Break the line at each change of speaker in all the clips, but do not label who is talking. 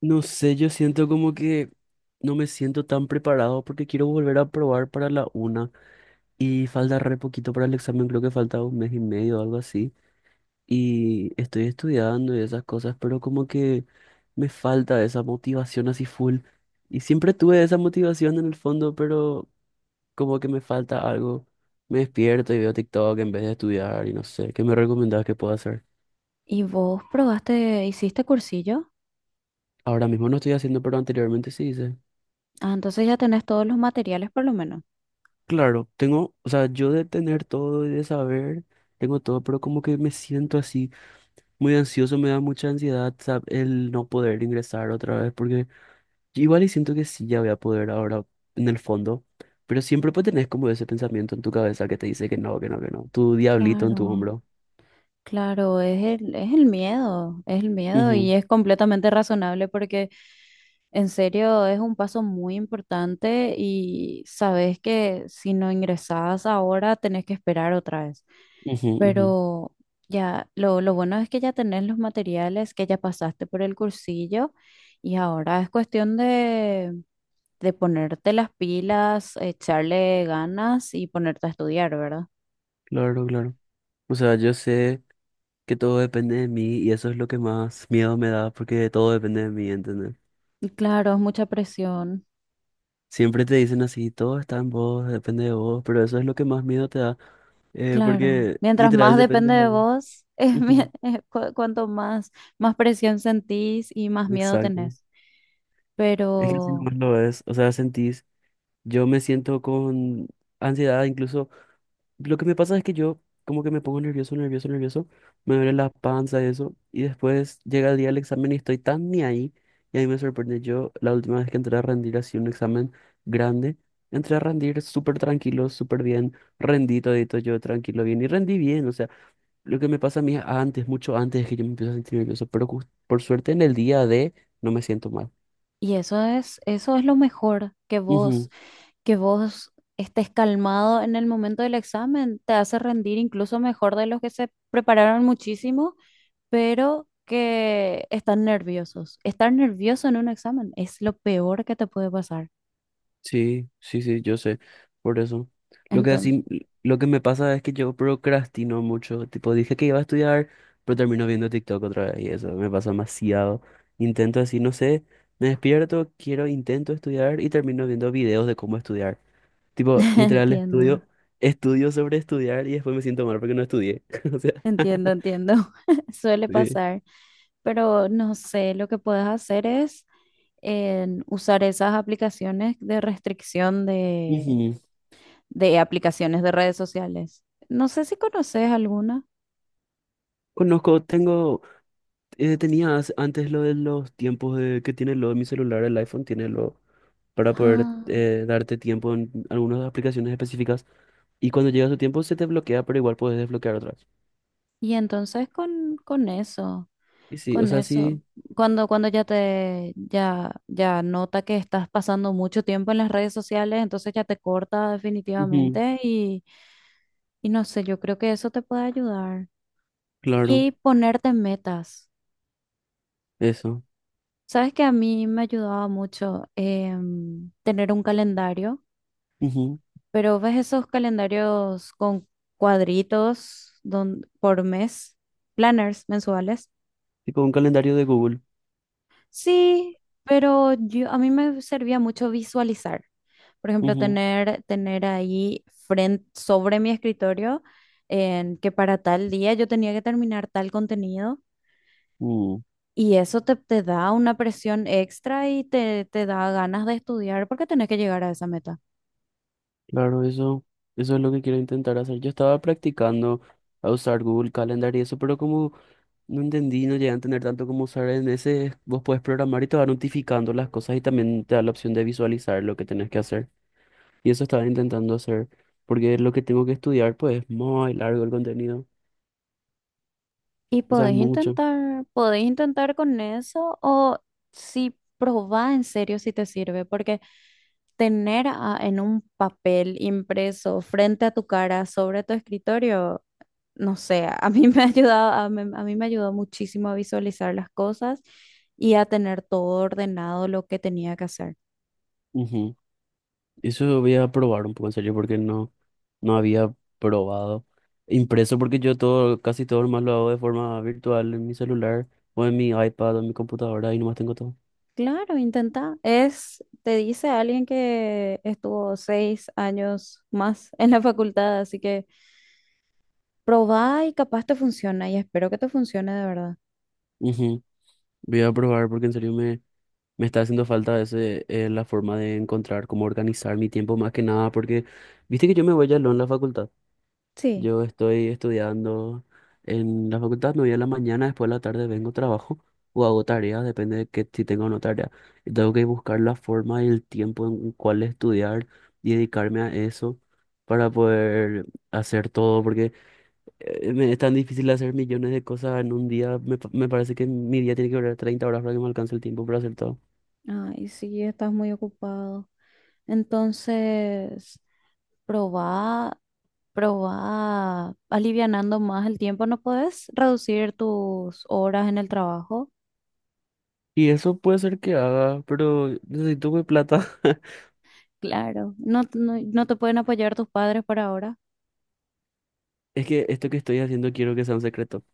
No sé, yo siento como que no me siento tan preparado porque quiero volver a probar para la una y falta re poquito para el examen, creo que falta 1 mes y medio o algo así. Y estoy estudiando y esas cosas, pero como que me falta esa motivación así full. Y siempre tuve esa motivación en el fondo, pero como que me falta algo. Me despierto y veo TikTok en vez de estudiar y no sé, ¿qué me recomendás que pueda hacer?
¿Y vos probaste, hiciste cursillo?
Ahora mismo no estoy haciendo, pero anteriormente sí hice.
Ah, entonces ya tenés todos los materiales por lo menos.
Claro, tengo, o sea, yo de tener todo y de saber, tengo todo, pero como que me siento así muy ansioso, me da mucha ansiedad, el no poder ingresar otra vez, porque yo igual y siento que sí ya voy a poder ahora en el fondo, pero siempre pues tenés como ese pensamiento en tu cabeza que te dice que no, que no, que no, tu diablito en tu
Claro,
hombro.
claro, es el miedo, es el miedo y es completamente razonable porque en serio es un paso muy importante y sabes que si no ingresás ahora tenés que esperar otra vez.
Ujú, ujú, ujú.
Pero ya, lo bueno es que ya tenés los materiales, que ya pasaste por el cursillo y ahora es cuestión de ponerte las pilas, echarle ganas y ponerte a estudiar, ¿verdad?
Claro, claro. O sea, yo sé que todo depende de mí y eso es lo que más miedo me da, porque todo depende de mí.
Y claro, es mucha presión,
Siempre te dicen así, todo está en vos, depende de vos, pero eso es lo que más miedo te da,
claro.
porque
Mientras más
literal depende
depende
de
de
vos.
vos, es,
Ujú.
cuanto más, más presión sentís y más miedo
Exacto.
tenés.
Es que así
Pero,
nomás lo es, o sea, sentís, yo me siento con ansiedad incluso. Lo que me pasa es que yo como que me pongo nervioso, nervioso, nervioso, me duele la panza y eso, y después llega el día del examen y estoy tan ni ahí, y a mí me sorprende, yo la última vez que entré a rendir así un examen grande, entré a rendir súper tranquilo, súper bien, rendí todito yo tranquilo, bien, y rendí bien, o sea, lo que me pasa a mí antes, mucho antes es que yo me empiezo a sentir nervioso, pero por suerte en el día de no me siento mal.
y eso es lo mejor, que vos estés calmado en el momento del examen, te hace rendir incluso mejor de los que se prepararon muchísimo pero que están nerviosos. Estar nervioso en un examen es lo peor que te puede pasar.
Sí, sí, sí, yo sé, por eso. Lo que
Entonces,
así, lo que me pasa es que yo procrastino mucho, tipo dije que iba a estudiar, pero termino viendo TikTok otra vez y eso me pasa demasiado. Intento así, no sé, me despierto, quiero, intento estudiar y termino viendo videos de cómo estudiar. Tipo, literal
entiendo,
estudio, estudio sobre estudiar y después me siento mal porque no estudié. O sea,
entiendo, entiendo. Suele
sí.
pasar, pero no sé, lo que puedes hacer es en usar esas aplicaciones de restricción
Ujú.
de aplicaciones de redes sociales. No sé si conoces alguna.
Conozco, tengo, tenía antes lo de los tiempos de, que tiene lo de mi celular, el iPhone tiene lo para poder
Ah,
darte tiempo en algunas aplicaciones específicas. Y cuando llega su tiempo se te bloquea, pero igual puedes desbloquear otras.
y entonces con eso.
Y sí, o
Con
sea,
eso,
sí.
cuando, cuando ya te, ya, ya nota que estás pasando mucho tiempo en las redes sociales, entonces ya te corta
Ujú,
definitivamente y no sé, yo creo que eso te puede ayudar.
claro,
Y ponerte metas.
eso.
Sabes que a mí me ayudaba mucho tener un calendario,
Ujú.
pero ves esos calendarios con cuadritos por mes, planners mensuales.
Tipo un calendario de Google.
Sí, pero yo, a mí me servía mucho visualizar. Por ejemplo,
Ujú,
tener, tener ahí frente, sobre mi escritorio en que para tal día yo tenía que terminar tal contenido
mm,
y eso te, te da una presión extra y te da ganas de estudiar porque tenés que llegar a esa meta.
claro, eso es lo que quiero intentar hacer. Yo estaba practicando a usar Google Calendar y eso, pero como no entendí, no llegué a entender tanto cómo usar en ese, vos puedes programar y te va notificando las cosas y también te da la opción de visualizar lo que tenés que hacer. Y eso estaba intentando hacer, porque lo que tengo que estudiar, pues es muy largo el contenido,
Y
o sea, es mucho.
podés intentar con eso o si probá en serio si te sirve, porque tener en un papel impreso frente a tu cara sobre tu escritorio no sé, a mí me ha ayudado, a mí me ayudó muchísimo a visualizar las cosas y a tener todo ordenado lo que tenía que hacer.
Ujú. Eso voy a probar un poco en serio, porque no, no había probado impreso, porque yo todo, casi todo más lo hago de forma virtual en mi celular, o en mi iPad, o en mi computadora, y nomás tengo todo.
Claro, intenta. Es, te dice alguien que estuvo 6 años más en la facultad, así que probá y capaz te funciona y espero que te funcione de verdad.
Ujú. Voy a probar, porque en serio me, me está haciendo falta ese, la forma de encontrar cómo organizar mi tiempo más que nada, porque viste que yo me voy ya en la facultad.
Sí.
Yo estoy estudiando en la facultad, me voy a la mañana, después de la tarde vengo, trabajo o hago tareas, depende de que, si tengo o no tarea. Y tengo que buscar la forma y el tiempo en cuál estudiar y dedicarme a eso para poder hacer todo, porque me es tan difícil hacer millones de cosas en un día. Me, me parece que mi día tiene que durar 30 horas para que me alcance el tiempo para hacer todo.
Ay, sí, estás muy ocupado. Entonces, probá. Pero va alivianando más el tiempo, ¿no puedes reducir tus horas en el trabajo?
Y eso puede ser que haga, pero necesito mi plata.
Claro, no, no, no te pueden apoyar tus padres por ahora.
Es que esto que estoy haciendo quiero que sea un secreto.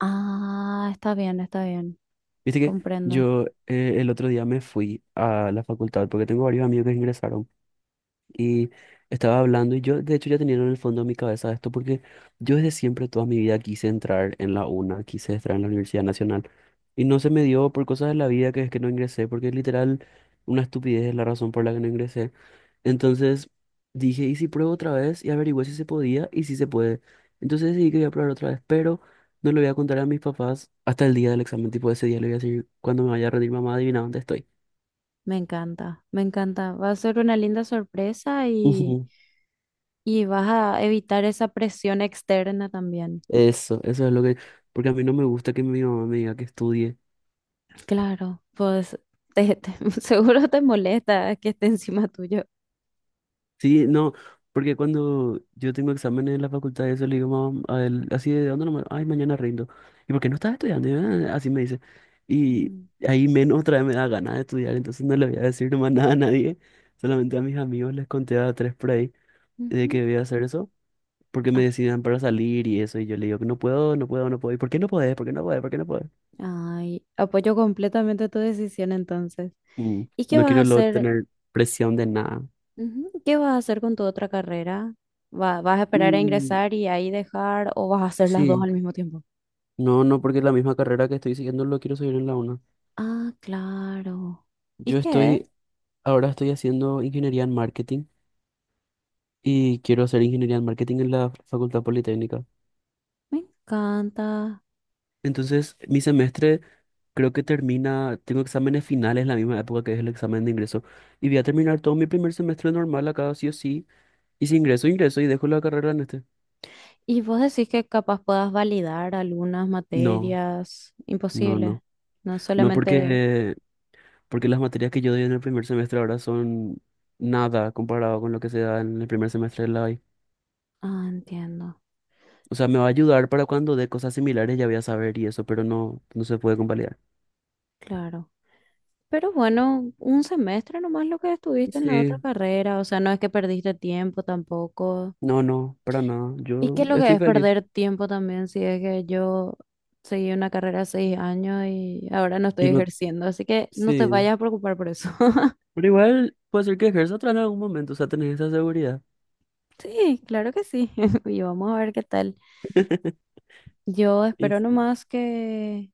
Ah, está bien,
Viste que
comprendo.
yo el otro día me fui a la facultad porque tengo varios amigos que ingresaron y estaba hablando y yo de hecho ya tenía en el fondo de mi cabeza esto porque yo desde siempre toda mi vida quise entrar en la UNA, quise entrar en la Universidad Nacional y no se me dio por cosas de la vida que es que no ingresé porque literal una estupidez es la razón por la que no ingresé. Entonces dije, ¿y si pruebo otra vez? Y averigüé si se podía y si se puede. Entonces decidí que voy a probar otra vez, pero no le voy a contar a mis papás hasta el día del examen. Tipo, ese día le voy a decir, cuando me vaya a rendir, mamá, adivina dónde estoy.
Me encanta, me encanta. Va a ser una linda sorpresa
Ujú.
y vas a evitar esa presión externa también.
Eso es lo que... Porque a mí no me gusta que mi mamá me diga que estudie.
Claro, pues seguro te molesta que esté encima tuyo.
Sí, no, porque cuando yo tengo exámenes en la facultad, eso le digo a él, así de dónde nomás, ay, mañana rindo. ¿Y por qué no estás estudiando? Y, "Ah", así me dice. Y
Mm,
ahí menos otra vez me da ganas de estudiar, entonces no le voy a decir nomás nada a nadie, solamente a mis amigos les conté a 3 por ahí de
ujú.
que voy a hacer eso, porque me decían para salir y eso, y yo le digo que no puedo, no puedo, no puedo. ¿Y por qué no podés? ¿Por qué no podés? ¿Por qué no podés?
Ay, apoyo completamente tu decisión entonces.
Mm,
¿Y qué
no
vas a
quiero luego
hacer?
tener presión de nada.
Ujú, ¿qué vas a hacer con tu otra carrera? Vas a esperar a
Y
ingresar y ahí dejar o vas a hacer las dos
sí,
al mismo tiempo?
no, no, porque la misma carrera que estoy siguiendo lo quiero seguir en la una.
Ah, claro. ¿Y
Yo
qué es?
estoy, ahora estoy haciendo ingeniería en marketing y quiero hacer ingeniería en marketing en la Facultad Politécnica.
Me encanta.
Entonces, mi semestre creo que termina, tengo exámenes finales en la misma época que es el examen de ingreso y voy a terminar todo mi primer semestre normal acá, sí o sí. Y si ingreso, ingreso y dejo la carrera en este.
¿Y vos decís que capaz puedas validar algunas
No,
materias?
no,
Imposible.
no.
No
No
solamente...
porque, porque las materias que yo doy en el primer semestre ahora son nada comparado con lo que se da en el primer semestre de la I.
Ah, entiendo.
O sea, me va a ayudar para cuando dé cosas similares ya voy a saber y eso, pero no, no se puede convalidar.
Claro. Pero bueno, un semestre nomás lo que estuviste en la otra
Sí,
carrera, o sea, no es que perdiste tiempo tampoco.
no, no, para nada.
¿Y qué
Yo
es lo que
estoy
es
feliz.
perder tiempo también si es que yo seguí una carrera de 6 años y ahora no estoy
Y no,
ejerciendo? Así que no te
sí.
vayas a preocupar por eso.
Pero igual puede ser que ejerza otra en algún momento, o sea, tenés esa seguridad.
Sí, claro que sí. Y vamos a ver qué tal. Yo
Y
espero
sí,
nomás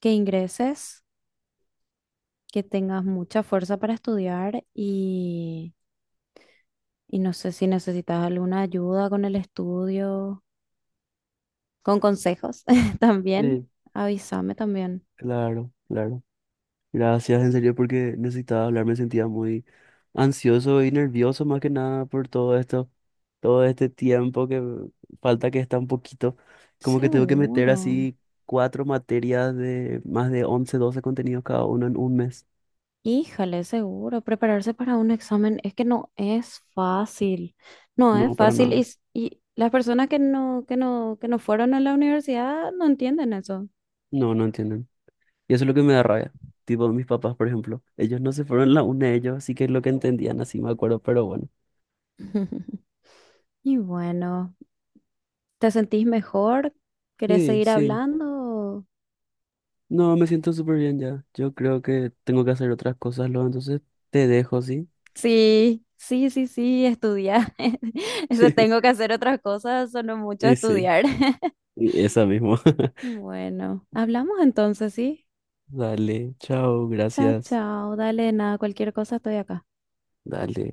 que ingreses, que tengas mucha fuerza para estudiar y no sé si necesitas alguna ayuda con el estudio con consejos también.
sí,
Avísame también.
claro, claro. Gracias, en serio, porque necesitaba hablar, me sentía muy ansioso y nervioso más que nada por todo esto, todo este tiempo que falta que está un poquito, como que tengo que meter
Seguro.
así 4 materias de más de 11 12 contenidos cada uno en 1 mes.
Híjole, seguro. Prepararse para un examen es que no es fácil. No es
No, para
fácil
nada.
y, y las personas que no, que no fueron a la universidad no entienden eso.
No, no entienden. Y eso es lo que me da rabia. Tipo mis papás, por ejemplo. Ellos no se fueron la una de ellos, así que es lo que entendían, así me acuerdo, pero bueno.
Y bueno, ¿te sentís mejor? ¿Querés
Sí,
seguir
sí.
hablando?
No, me siento súper bien ya. Yo creo que tengo que hacer otras cosas luego, entonces te dejo, ¿sí?
Sí, sí, sí, sí, estudiar. Eso tengo que hacer otras cosas, sonó mucho
Y sí,
estudiar.
y esa mismo.
Bueno, hablamos entonces, ¿sí?
Dale, chao,
Chao,
gracias.
chao. Dale, nada, cualquier cosa estoy acá.
Dale.